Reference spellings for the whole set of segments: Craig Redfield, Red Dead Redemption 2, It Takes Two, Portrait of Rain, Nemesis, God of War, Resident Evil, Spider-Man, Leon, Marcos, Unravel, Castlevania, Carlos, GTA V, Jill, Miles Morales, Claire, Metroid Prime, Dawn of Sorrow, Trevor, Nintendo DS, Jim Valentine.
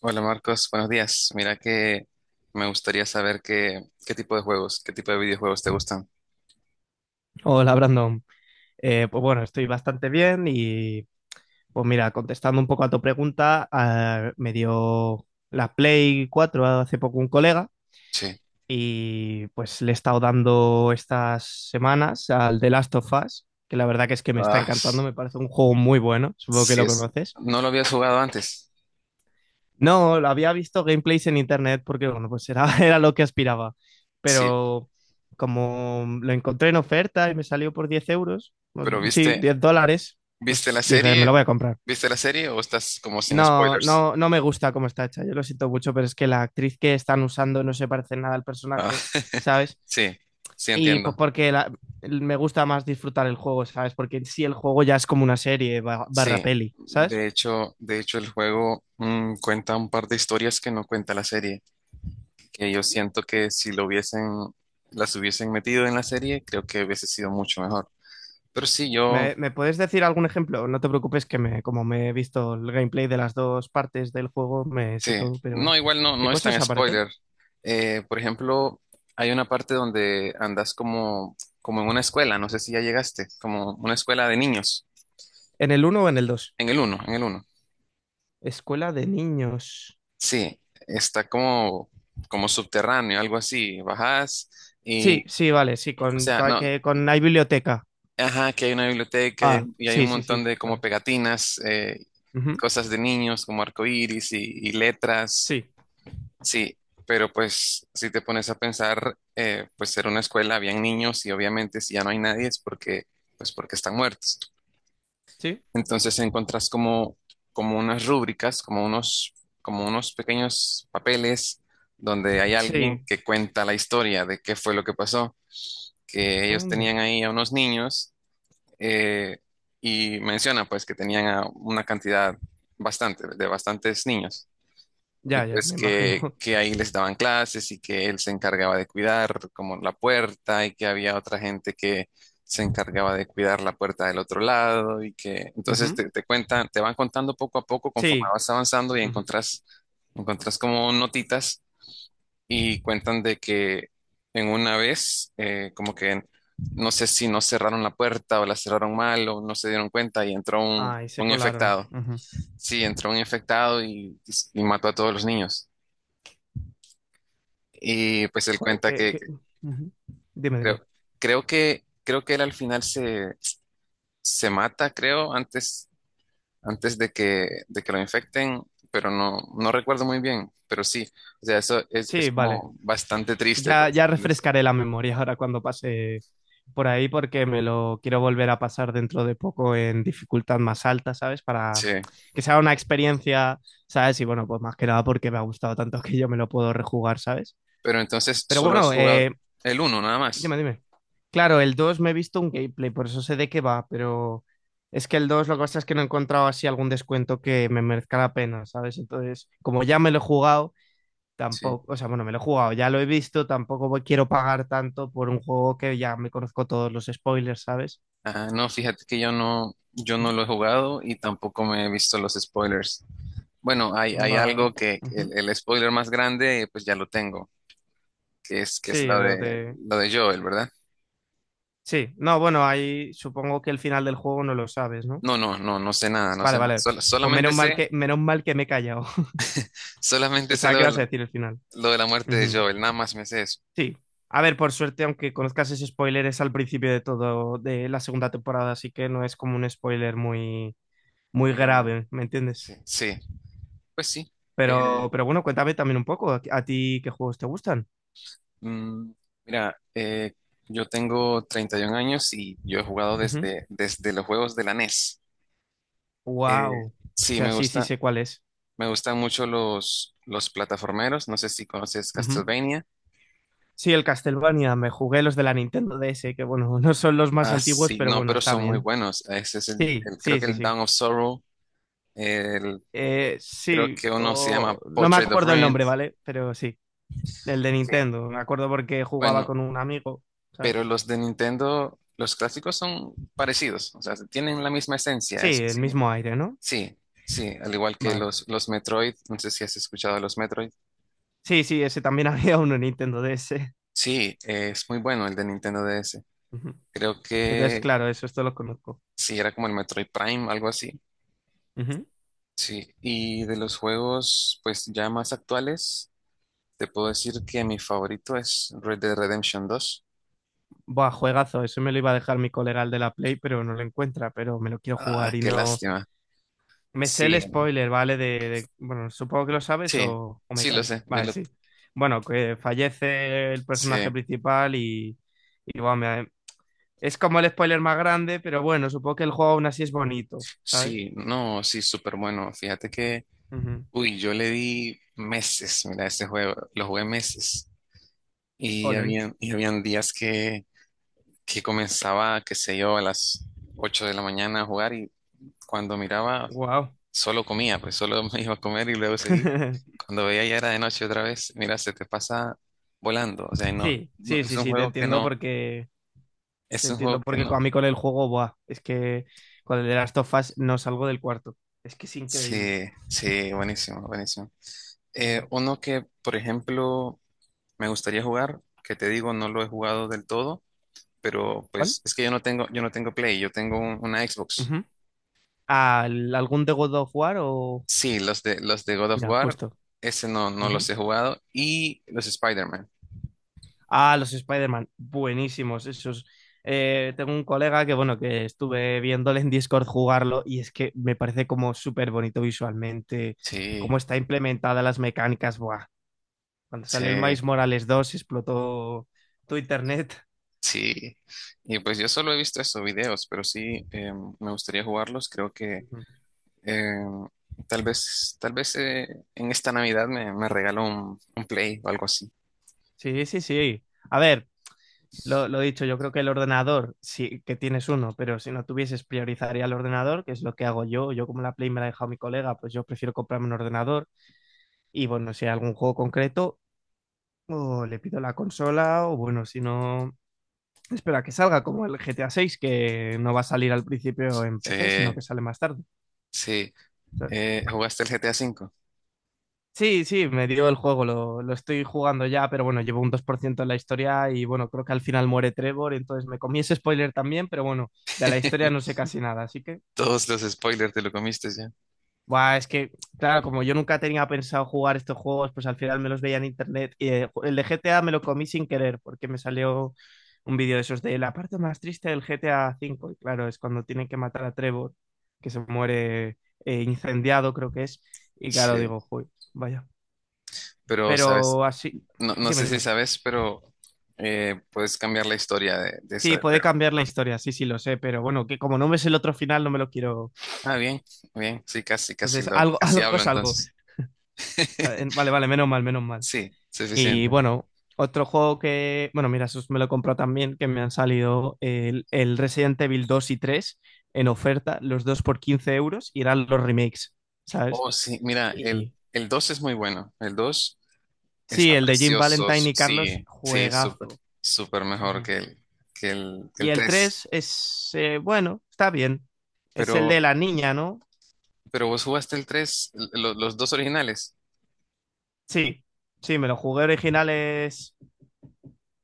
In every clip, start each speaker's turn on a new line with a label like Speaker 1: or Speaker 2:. Speaker 1: Hola Marcos, buenos días. Mira que me gustaría saber qué tipo de juegos, qué tipo de videojuegos te gustan.
Speaker 2: Hola Brandon. Pues bueno, estoy bastante bien y pues mira, contestando un poco a tu pregunta, me dio la Play 4 hace poco un colega
Speaker 1: Sí.
Speaker 2: y pues le he estado dando estas semanas al The Last of Us, que la verdad que es que me está
Speaker 1: Ah,
Speaker 2: encantando, me parece un juego muy bueno, supongo que
Speaker 1: sí
Speaker 2: lo
Speaker 1: es.
Speaker 2: conoces.
Speaker 1: ¿No lo habías jugado antes?
Speaker 2: No, lo había visto gameplays en internet porque, bueno, pues era, era lo que aspiraba.
Speaker 1: Sí,
Speaker 2: Pero como lo encontré en oferta y me salió por 10 euros, bueno,
Speaker 1: pero
Speaker 2: sí, 10 dólares,
Speaker 1: ¿viste
Speaker 2: pues
Speaker 1: la
Speaker 2: dije, me lo
Speaker 1: serie?
Speaker 2: voy a comprar.
Speaker 1: ¿Viste la serie o estás como sin
Speaker 2: No,
Speaker 1: spoilers?
Speaker 2: no, no me gusta cómo está hecha, yo lo siento mucho, pero es que la actriz que están usando no se parece nada al
Speaker 1: Ah,
Speaker 2: personaje, ¿sabes?
Speaker 1: sí, sí
Speaker 2: Y pues
Speaker 1: entiendo.
Speaker 2: me gusta más disfrutar el juego, ¿sabes? Porque en sí el juego ya es como una serie barra
Speaker 1: Sí,
Speaker 2: peli, ¿sabes?
Speaker 1: de hecho el juego cuenta un par de historias que no cuenta la serie, que yo siento que si las hubiesen metido en la serie, creo que hubiese sido mucho mejor. Pero sí,
Speaker 2: ¿Me puedes decir algún ejemplo? No te preocupes que me, como me he visto el gameplay de las dos partes del juego, me sé
Speaker 1: sí,
Speaker 2: todo, pero
Speaker 1: no, igual no,
Speaker 2: ¿qué
Speaker 1: no es
Speaker 2: cosas
Speaker 1: tan
Speaker 2: aparecen?
Speaker 1: spoiler. Por ejemplo, hay una parte donde andas como en una escuela, no sé si ya llegaste, como una escuela de niños,
Speaker 2: ¿En el uno o en el dos?
Speaker 1: en el uno, en el uno.
Speaker 2: Escuela de niños.
Speaker 1: Sí, está como subterráneo, algo así, y,
Speaker 2: Sí, sí, vale, sí,
Speaker 1: o sea, no,
Speaker 2: con hay biblioteca.
Speaker 1: ajá, que hay una biblioteca
Speaker 2: Ah,
Speaker 1: y hay
Speaker 2: sí,
Speaker 1: un
Speaker 2: sí,
Speaker 1: montón
Speaker 2: sí,
Speaker 1: de como
Speaker 2: vale.
Speaker 1: pegatinas,
Speaker 2: Ujú.
Speaker 1: cosas de niños, como arcoíris y letras.
Speaker 2: Sí,
Speaker 1: Sí, pero pues si te pones a pensar, pues era una escuela, habían niños y obviamente si ya no hay nadie es pues porque están muertos.
Speaker 2: sí,
Speaker 1: Entonces encontrás como unas rúbricas, como unos pequeños papeles donde hay alguien
Speaker 2: sí.
Speaker 1: que cuenta la historia de qué fue lo que pasó, que ellos
Speaker 2: Anda.
Speaker 1: tenían ahí a unos niños eh, y menciona pues que tenían a una cantidad de bastantes niños. Y
Speaker 2: Ya, ya,
Speaker 1: pues
Speaker 2: me imagino.
Speaker 1: que, que ahí les daban clases y que él se encargaba de cuidar como la puerta y que había otra gente que se encargaba de cuidar la puerta del otro lado y que entonces
Speaker 2: Ujú.
Speaker 1: te cuentan, te van contando poco a poco conforme
Speaker 2: Sí.
Speaker 1: vas avanzando y
Speaker 2: Ujú.
Speaker 1: encontrás como notitas y cuentan de que en una vez como que no sé si no cerraron la puerta o la cerraron mal o no se dieron cuenta y entró un,
Speaker 2: Ah, y se
Speaker 1: un
Speaker 2: colaron.
Speaker 1: infectado.
Speaker 2: Ujú.
Speaker 1: Sí, entró un infectado y mató a todos los niños. Y pues él
Speaker 2: Joder,
Speaker 1: cuenta
Speaker 2: que,
Speaker 1: que
Speaker 2: que-
Speaker 1: que
Speaker 2: ujú. Dime, dime.
Speaker 1: creo, creo que él al final se mata, creo, antes de que lo infecten, pero no recuerdo muy bien, pero sí, o sea, eso es
Speaker 2: Sí, vale.
Speaker 1: como bastante triste,
Speaker 2: Ya,
Speaker 1: pues.
Speaker 2: ya
Speaker 1: ¿Entendés?
Speaker 2: refrescaré la memoria ahora cuando pase por ahí porque me lo quiero volver a pasar dentro de poco en dificultad más alta, ¿sabes? Para
Speaker 1: Sí,
Speaker 2: que sea una experiencia, ¿sabes? Y bueno, pues más que nada porque me ha gustado tanto que yo me lo puedo rejugar, ¿sabes?
Speaker 1: pero entonces
Speaker 2: Pero
Speaker 1: solo has
Speaker 2: bueno,
Speaker 1: jugado el uno nada más.
Speaker 2: dime, dime. Claro, el 2 me he visto un gameplay, por eso sé de qué va, pero es que el 2 lo que pasa es que no he encontrado así algún descuento que me merezca la pena, ¿sabes? Entonces, como ya me lo he jugado
Speaker 1: Sí.
Speaker 2: tampoco, o sea, bueno, me lo he jugado, ya lo he visto, tampoco voy- quiero pagar tanto por un juego que ya me conozco todos los spoilers, ¿sabes?
Speaker 1: Ah, no, fíjate que yo no lo he jugado y tampoco me he visto los spoilers. Bueno, hay,
Speaker 2: Ujú.
Speaker 1: hay
Speaker 2: Va.
Speaker 1: algo que
Speaker 2: Ujú.
Speaker 1: el spoiler más grande, pues ya lo tengo. Que es
Speaker 2: Sí,
Speaker 1: la
Speaker 2: lo
Speaker 1: de,
Speaker 2: de...
Speaker 1: la de Joel, ¿verdad?
Speaker 2: Sí, no, bueno, ahí supongo que el final del juego no lo sabes, ¿no?
Speaker 1: No, no, no, no sé nada, no
Speaker 2: Vale,
Speaker 1: sé nada.
Speaker 2: vale.
Speaker 1: Sol-
Speaker 2: Pues
Speaker 1: solamente sé,
Speaker 2: menos mal que me he callado.
Speaker 1: solamente sé
Speaker 2: Pensaba
Speaker 1: lo
Speaker 2: que
Speaker 1: de
Speaker 2: ibas a
Speaker 1: la,
Speaker 2: decir el final.
Speaker 1: lo de la muerte de
Speaker 2: Ujú.
Speaker 1: Joel, nada más me sé eso.
Speaker 2: Sí. A ver, por suerte, aunque conozcas ese spoiler, es al principio de todo, de la segunda temporada, así que no es como un spoiler muy, muy
Speaker 1: Muy grande.
Speaker 2: grave, ¿me entiendes?
Speaker 1: Sí, sí, pues sí. Eh,
Speaker 2: Pero bueno, cuéntame también un poco, ¿a ti qué juegos te gustan?
Speaker 1: mm, mira, yo tengo 31 años y yo he jugado desde los juegos de la NES. Eh,
Speaker 2: Wow.
Speaker 1: sí,
Speaker 2: Hostia, sí, sí sé cuál es.
Speaker 1: me gustan mucho los plataformeros. No sé si conoces
Speaker 2: Ujú.
Speaker 1: Castlevania.
Speaker 2: Sí, el Castlevania, me jugué los de la Nintendo DS, que bueno, no son los más
Speaker 1: Ah,
Speaker 2: antiguos,
Speaker 1: sí,
Speaker 2: pero
Speaker 1: no,
Speaker 2: bueno,
Speaker 1: pero
Speaker 2: está
Speaker 1: son muy
Speaker 2: bien.
Speaker 1: buenos. Ese es
Speaker 2: Sí,
Speaker 1: creo
Speaker 2: sí,
Speaker 1: que
Speaker 2: sí,
Speaker 1: el
Speaker 2: sí.
Speaker 1: Dawn of Sorrow. El Creo
Speaker 2: Sí,
Speaker 1: que uno se llama
Speaker 2: no me
Speaker 1: Portrait of
Speaker 2: acuerdo el
Speaker 1: Rain.
Speaker 2: nombre, ¿vale? Pero sí, el de
Speaker 1: Sí.
Speaker 2: Nintendo, me acuerdo porque jugaba
Speaker 1: Bueno,
Speaker 2: con un amigo,
Speaker 1: pero
Speaker 2: ¿sabes?
Speaker 1: los de Nintendo, los clásicos son parecidos, o sea, tienen la misma esencia.
Speaker 2: Sí, el
Speaker 1: Sí,
Speaker 2: mismo aire, ¿no?
Speaker 1: sí, sí, al igual que
Speaker 2: Vale.
Speaker 1: los Metroid, no sé si has escuchado de los Metroid.
Speaker 2: Sí, sí, ese también había uno en Nintendo DS.
Speaker 1: Sí, es muy bueno el de Nintendo DS.
Speaker 2: Ujú.
Speaker 1: Creo
Speaker 2: Entonces,
Speaker 1: que
Speaker 2: claro, eso, esto lo conozco.
Speaker 1: sí, era como el Metroid Prime, algo así.
Speaker 2: Ujú.
Speaker 1: Sí, y de los juegos, pues ya más actuales, te puedo decir que mi favorito es Red Dead Redemption 2.
Speaker 2: Buah, juegazo, ese me lo iba a dejar mi colega el de la Play, pero no lo encuentra, pero me lo quiero
Speaker 1: Ah,
Speaker 2: jugar y
Speaker 1: qué
Speaker 2: no...
Speaker 1: lástima.
Speaker 2: Me sé el
Speaker 1: Sí,
Speaker 2: spoiler, ¿vale? Bueno, supongo que lo sabes
Speaker 1: sí,
Speaker 2: o me
Speaker 1: sí lo
Speaker 2: callo.
Speaker 1: sé, yo
Speaker 2: Vale,
Speaker 1: lo
Speaker 2: sí. Bueno, que fallece el personaje
Speaker 1: sí,
Speaker 2: principal y buah, es como el spoiler más grande, pero bueno, supongo que el juego aún así es bonito, ¿sabes?
Speaker 1: sí, no, sí, súper bueno. Fíjate que,
Speaker 2: Ujú.
Speaker 1: uy, yo le di meses, mira, este juego, lo jugué meses y
Speaker 2: Colin.
Speaker 1: habían días que comenzaba, qué sé yo, a las 8 de la mañana a jugar y cuando miraba,
Speaker 2: Wow.
Speaker 1: solo comía, pues solo me iba a comer y luego seguía. Cuando veía ya era de noche otra vez, mira, se te pasa volando, o sea, no,
Speaker 2: Sí,
Speaker 1: no,
Speaker 2: sí, sí, sí, te entiendo porque... Te
Speaker 1: es un
Speaker 2: entiendo,
Speaker 1: juego que
Speaker 2: porque
Speaker 1: no,
Speaker 2: a mí con el juego, buah, es que con el de Last of Us no salgo del cuarto. Es que es increíble.
Speaker 1: sí, sí, buenísimo, buenísimo.
Speaker 2: Ujú.
Speaker 1: Uno que, por ejemplo, me gustaría jugar, que te digo, no lo he jugado del todo, pero
Speaker 2: ¿Cuál?
Speaker 1: pues es que yo no tengo Play, yo tengo una Xbox.
Speaker 2: Ujú. Algún de God of War o...?
Speaker 1: Sí, los de God of
Speaker 2: Ya,
Speaker 1: War,
Speaker 2: justo.
Speaker 1: ese no
Speaker 2: Ujú.
Speaker 1: los he jugado, y los Spider-Man.
Speaker 2: Ah, los Spider-Man. Buenísimos esos. Tengo un colega que, bueno, que estuve viéndole en Discord jugarlo y es que me parece como súper bonito visualmente, cómo
Speaker 1: Sí,
Speaker 2: está implementada las mecánicas. Buah. Cuando
Speaker 1: sí,
Speaker 2: salió el Miles Morales 2 explotó tu internet.
Speaker 1: sí. Y pues yo solo he visto esos videos, pero sí, me gustaría jugarlos. Creo que
Speaker 2: Ujú.
Speaker 1: eh, tal vez en esta Navidad me regalo un Play o algo así.
Speaker 2: Sí, sí, sí. A ver, lo dicho, yo creo que el ordenador, sí que tienes uno, pero si no tuvieses, priorizaría el ordenador, que es lo que hago yo. Yo como la Play me la ha dejado mi colega, pues yo prefiero comprarme un ordenador. Y bueno, si hay algún juego concreto, o le pido la consola, o bueno, si no, espera que salga como el GTA 6, que no va a salir al principio en
Speaker 1: Sí,
Speaker 2: PC, sino que sale más tarde.
Speaker 1: sí.
Speaker 2: ¿Sabes?
Speaker 1: ¿Jugaste el GTA V?
Speaker 2: Sí, sí, me dio el juego, lo estoy jugando ya, pero bueno, llevo un 2 por ciento en la historia y bueno, creo que al final muere Trevor, entonces me comí ese spoiler también, pero bueno, de la historia no sé casi nada, así que...
Speaker 1: Todos los spoilers te lo comiste ya.
Speaker 2: Buah, es que, claro, como yo nunca tenía pensado jugar estos juegos, pues al final me los veía en internet. Y el de GTA me lo comí sin querer, porque me salió un vídeo de esos de la parte más triste del GTA V. Y claro, es cuando tienen que matar a Trevor, que se muere incendiado, creo que es. Y claro,
Speaker 1: Sí,
Speaker 2: digo, "Joder, vaya."
Speaker 1: pero
Speaker 2: Pero así,
Speaker 1: no, no
Speaker 2: dime,
Speaker 1: sé si
Speaker 2: dime.
Speaker 1: sabes, pero puedes cambiar la historia de esa
Speaker 2: Sí,
Speaker 1: de
Speaker 2: puede
Speaker 1: Trevor.
Speaker 2: cambiar la historia, sí, sí, lo sé, pero bueno, que como no ves el otro final, no me lo quiero.
Speaker 1: Ah, bien, bien, sí,
Speaker 2: Entonces, algo,
Speaker 1: casi
Speaker 2: algo
Speaker 1: hablo
Speaker 2: es algo.
Speaker 1: entonces.
Speaker 2: Vale, vale, menos mal, menos mal.
Speaker 1: Sí,
Speaker 2: Y
Speaker 1: suficiente.
Speaker 2: bueno, otro juego que, bueno, mira, esos me lo compró también, que me han salido el Resident Evil 2 y 3 en oferta, los dos por 15 euros, y eran los remakes, ¿sabes?
Speaker 1: Oh, sí, mira, el,
Speaker 2: Y
Speaker 1: el 2 es muy bueno. El 2
Speaker 2: sí,
Speaker 1: está
Speaker 2: el de Jim
Speaker 1: precioso.
Speaker 2: Valentine y Carlos,
Speaker 1: Sí, sí,
Speaker 2: juegazo.
Speaker 1: súper mejor
Speaker 2: Ujú.
Speaker 1: que el, que el, que
Speaker 2: Y
Speaker 1: el
Speaker 2: el
Speaker 1: 3.
Speaker 2: 3 es, bueno, está bien. Es el de
Speaker 1: Pero,
Speaker 2: la niña, ¿no?
Speaker 1: pero vos jugaste el 3, los dos originales.
Speaker 2: Sí, sí, me lo jugué original, es...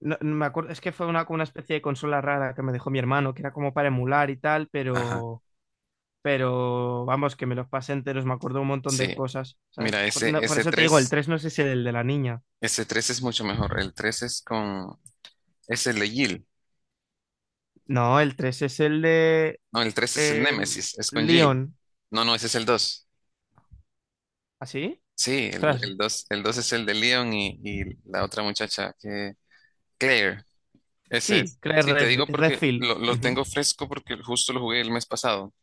Speaker 2: No, no me acuerdo, es que fue una, como una especie de consola rara que me dejó mi hermano, que era como para emular y tal,
Speaker 1: Ajá,
Speaker 2: pero vamos, que me los pasé enteros, me acuerdo un montón de
Speaker 1: sí.
Speaker 2: cosas,
Speaker 1: Mira,
Speaker 2: ¿sabes? Por, no- por eso te digo, el tres no sé si es el de la niña.
Speaker 1: ese 3 es mucho mejor. El 3 es es el de Jill.
Speaker 2: No, el 3 es el de
Speaker 1: No, el 3 es el
Speaker 2: eh,
Speaker 1: Nemesis, es con Jill.
Speaker 2: Leon.
Speaker 1: No, no, ese es el dos.
Speaker 2: ¿Así?
Speaker 1: Sí, el,
Speaker 2: Ostras,
Speaker 1: el dos el dos es el de Leon y la otra muchacha que, Claire, ese
Speaker 2: sí,
Speaker 1: es. Sí, te digo porque
Speaker 2: Redfield.
Speaker 1: lo
Speaker 2: Ujú.
Speaker 1: tengo fresco porque justo lo jugué el mes pasado.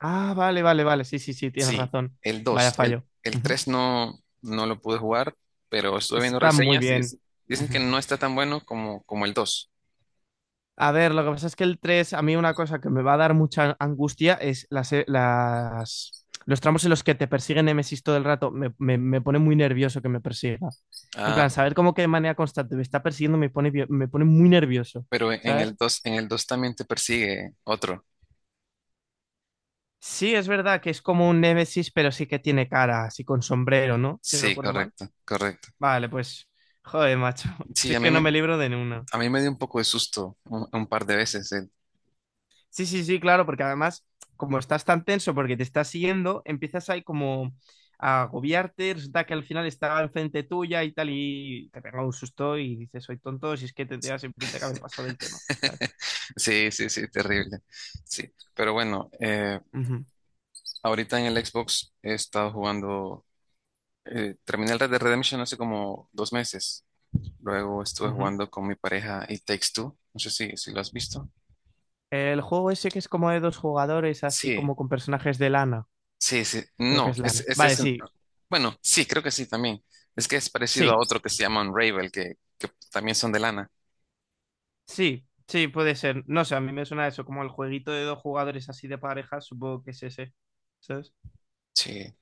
Speaker 2: Ah, vale, vale, vale, sí, sí, sí, tienes
Speaker 1: Sí,
Speaker 2: razón.
Speaker 1: el
Speaker 2: Vaya
Speaker 1: dos. el,
Speaker 2: fallo.
Speaker 1: el
Speaker 2: Ujú.
Speaker 1: 3 no lo pude jugar, pero estuve viendo
Speaker 2: Está muy
Speaker 1: reseñas y
Speaker 2: bien.
Speaker 1: dicen que
Speaker 2: Ujú.
Speaker 1: no está tan bueno como el 2.
Speaker 2: A ver, lo que pasa es que el 3, a mí una cosa que me va a dar mucha angustia es las, los tramos en los que te persigue Nemesis todo el rato. Me pone muy nervioso que me persiga. En plan, saber cómo que de manera constante me está persiguiendo me pone, me pone muy nervioso,
Speaker 1: Pero en en el
Speaker 2: ¿sabes?
Speaker 1: dos en el dos también te persigue otro.
Speaker 2: Sí, es verdad que es como un Nemesis, pero sí que tiene cara, así con sombrero, ¿no? Si no
Speaker 1: Sí,
Speaker 2: recuerdo mal.
Speaker 1: correcto, correcto.
Speaker 2: Vale, pues, joder, macho. Si
Speaker 1: Sí,
Speaker 2: es
Speaker 1: a mí
Speaker 2: que no me
Speaker 1: me,
Speaker 2: libro de ninguna.
Speaker 1: a mí me dio un poco de susto un par de veces.
Speaker 2: Sí, sí, sí, claro, porque además, como estás tan tenso porque te estás siguiendo, empiezas ahí como a agobiarte, resulta que al final estaba enfrente tuya y tal, y te pega un susto y dices, soy tonto, si es que tendría siempre que haber pasado del tema, ¿sabes?
Speaker 1: Sí, sí, sí, terrible. Sí, pero bueno,
Speaker 2: Ujú,
Speaker 1: ahorita en el Xbox he estado jugando, terminé el Red Dead Redemption hace como 2 meses. Luego estuve
Speaker 2: ujú.
Speaker 1: jugando con mi pareja y Takes Two. No sé si lo has visto.
Speaker 2: El juego ese que es como de dos jugadores, así
Speaker 1: Sí.
Speaker 2: como con personajes de lana,
Speaker 1: Sí, sí,
Speaker 2: creo que
Speaker 1: no,
Speaker 2: es lana. Vale, sí,
Speaker 1: bueno, sí, creo que sí también. Es que es parecido
Speaker 2: sí,
Speaker 1: a otro que se llama Unravel, que también son de lana.
Speaker 2: sí, sí, puede ser. No sé, a mí me suena eso, como el jueguito de dos jugadores así de pareja, supongo que es ese, ¿sabes?
Speaker 1: Sí,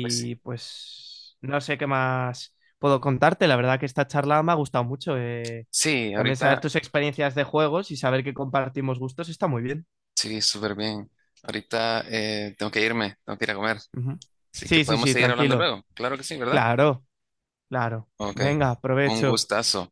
Speaker 1: pues
Speaker 2: pues no sé qué más puedo contarte. La verdad que esta charla me ha gustado mucho.
Speaker 1: sí,
Speaker 2: También saber
Speaker 1: ahorita,
Speaker 2: tus experiencias de juegos y saber que compartimos gustos está muy bien.
Speaker 1: sí, súper bien. Ahorita tengo que irme, tengo que ir a comer.
Speaker 2: Ujú.
Speaker 1: Así que
Speaker 2: Sí, sí,
Speaker 1: podemos
Speaker 2: sí,
Speaker 1: seguir hablando
Speaker 2: tranquilo.
Speaker 1: luego. Claro que sí, ¿verdad?
Speaker 2: Claro, claro.
Speaker 1: Ok,
Speaker 2: Venga,
Speaker 1: un
Speaker 2: provecho.
Speaker 1: gustazo.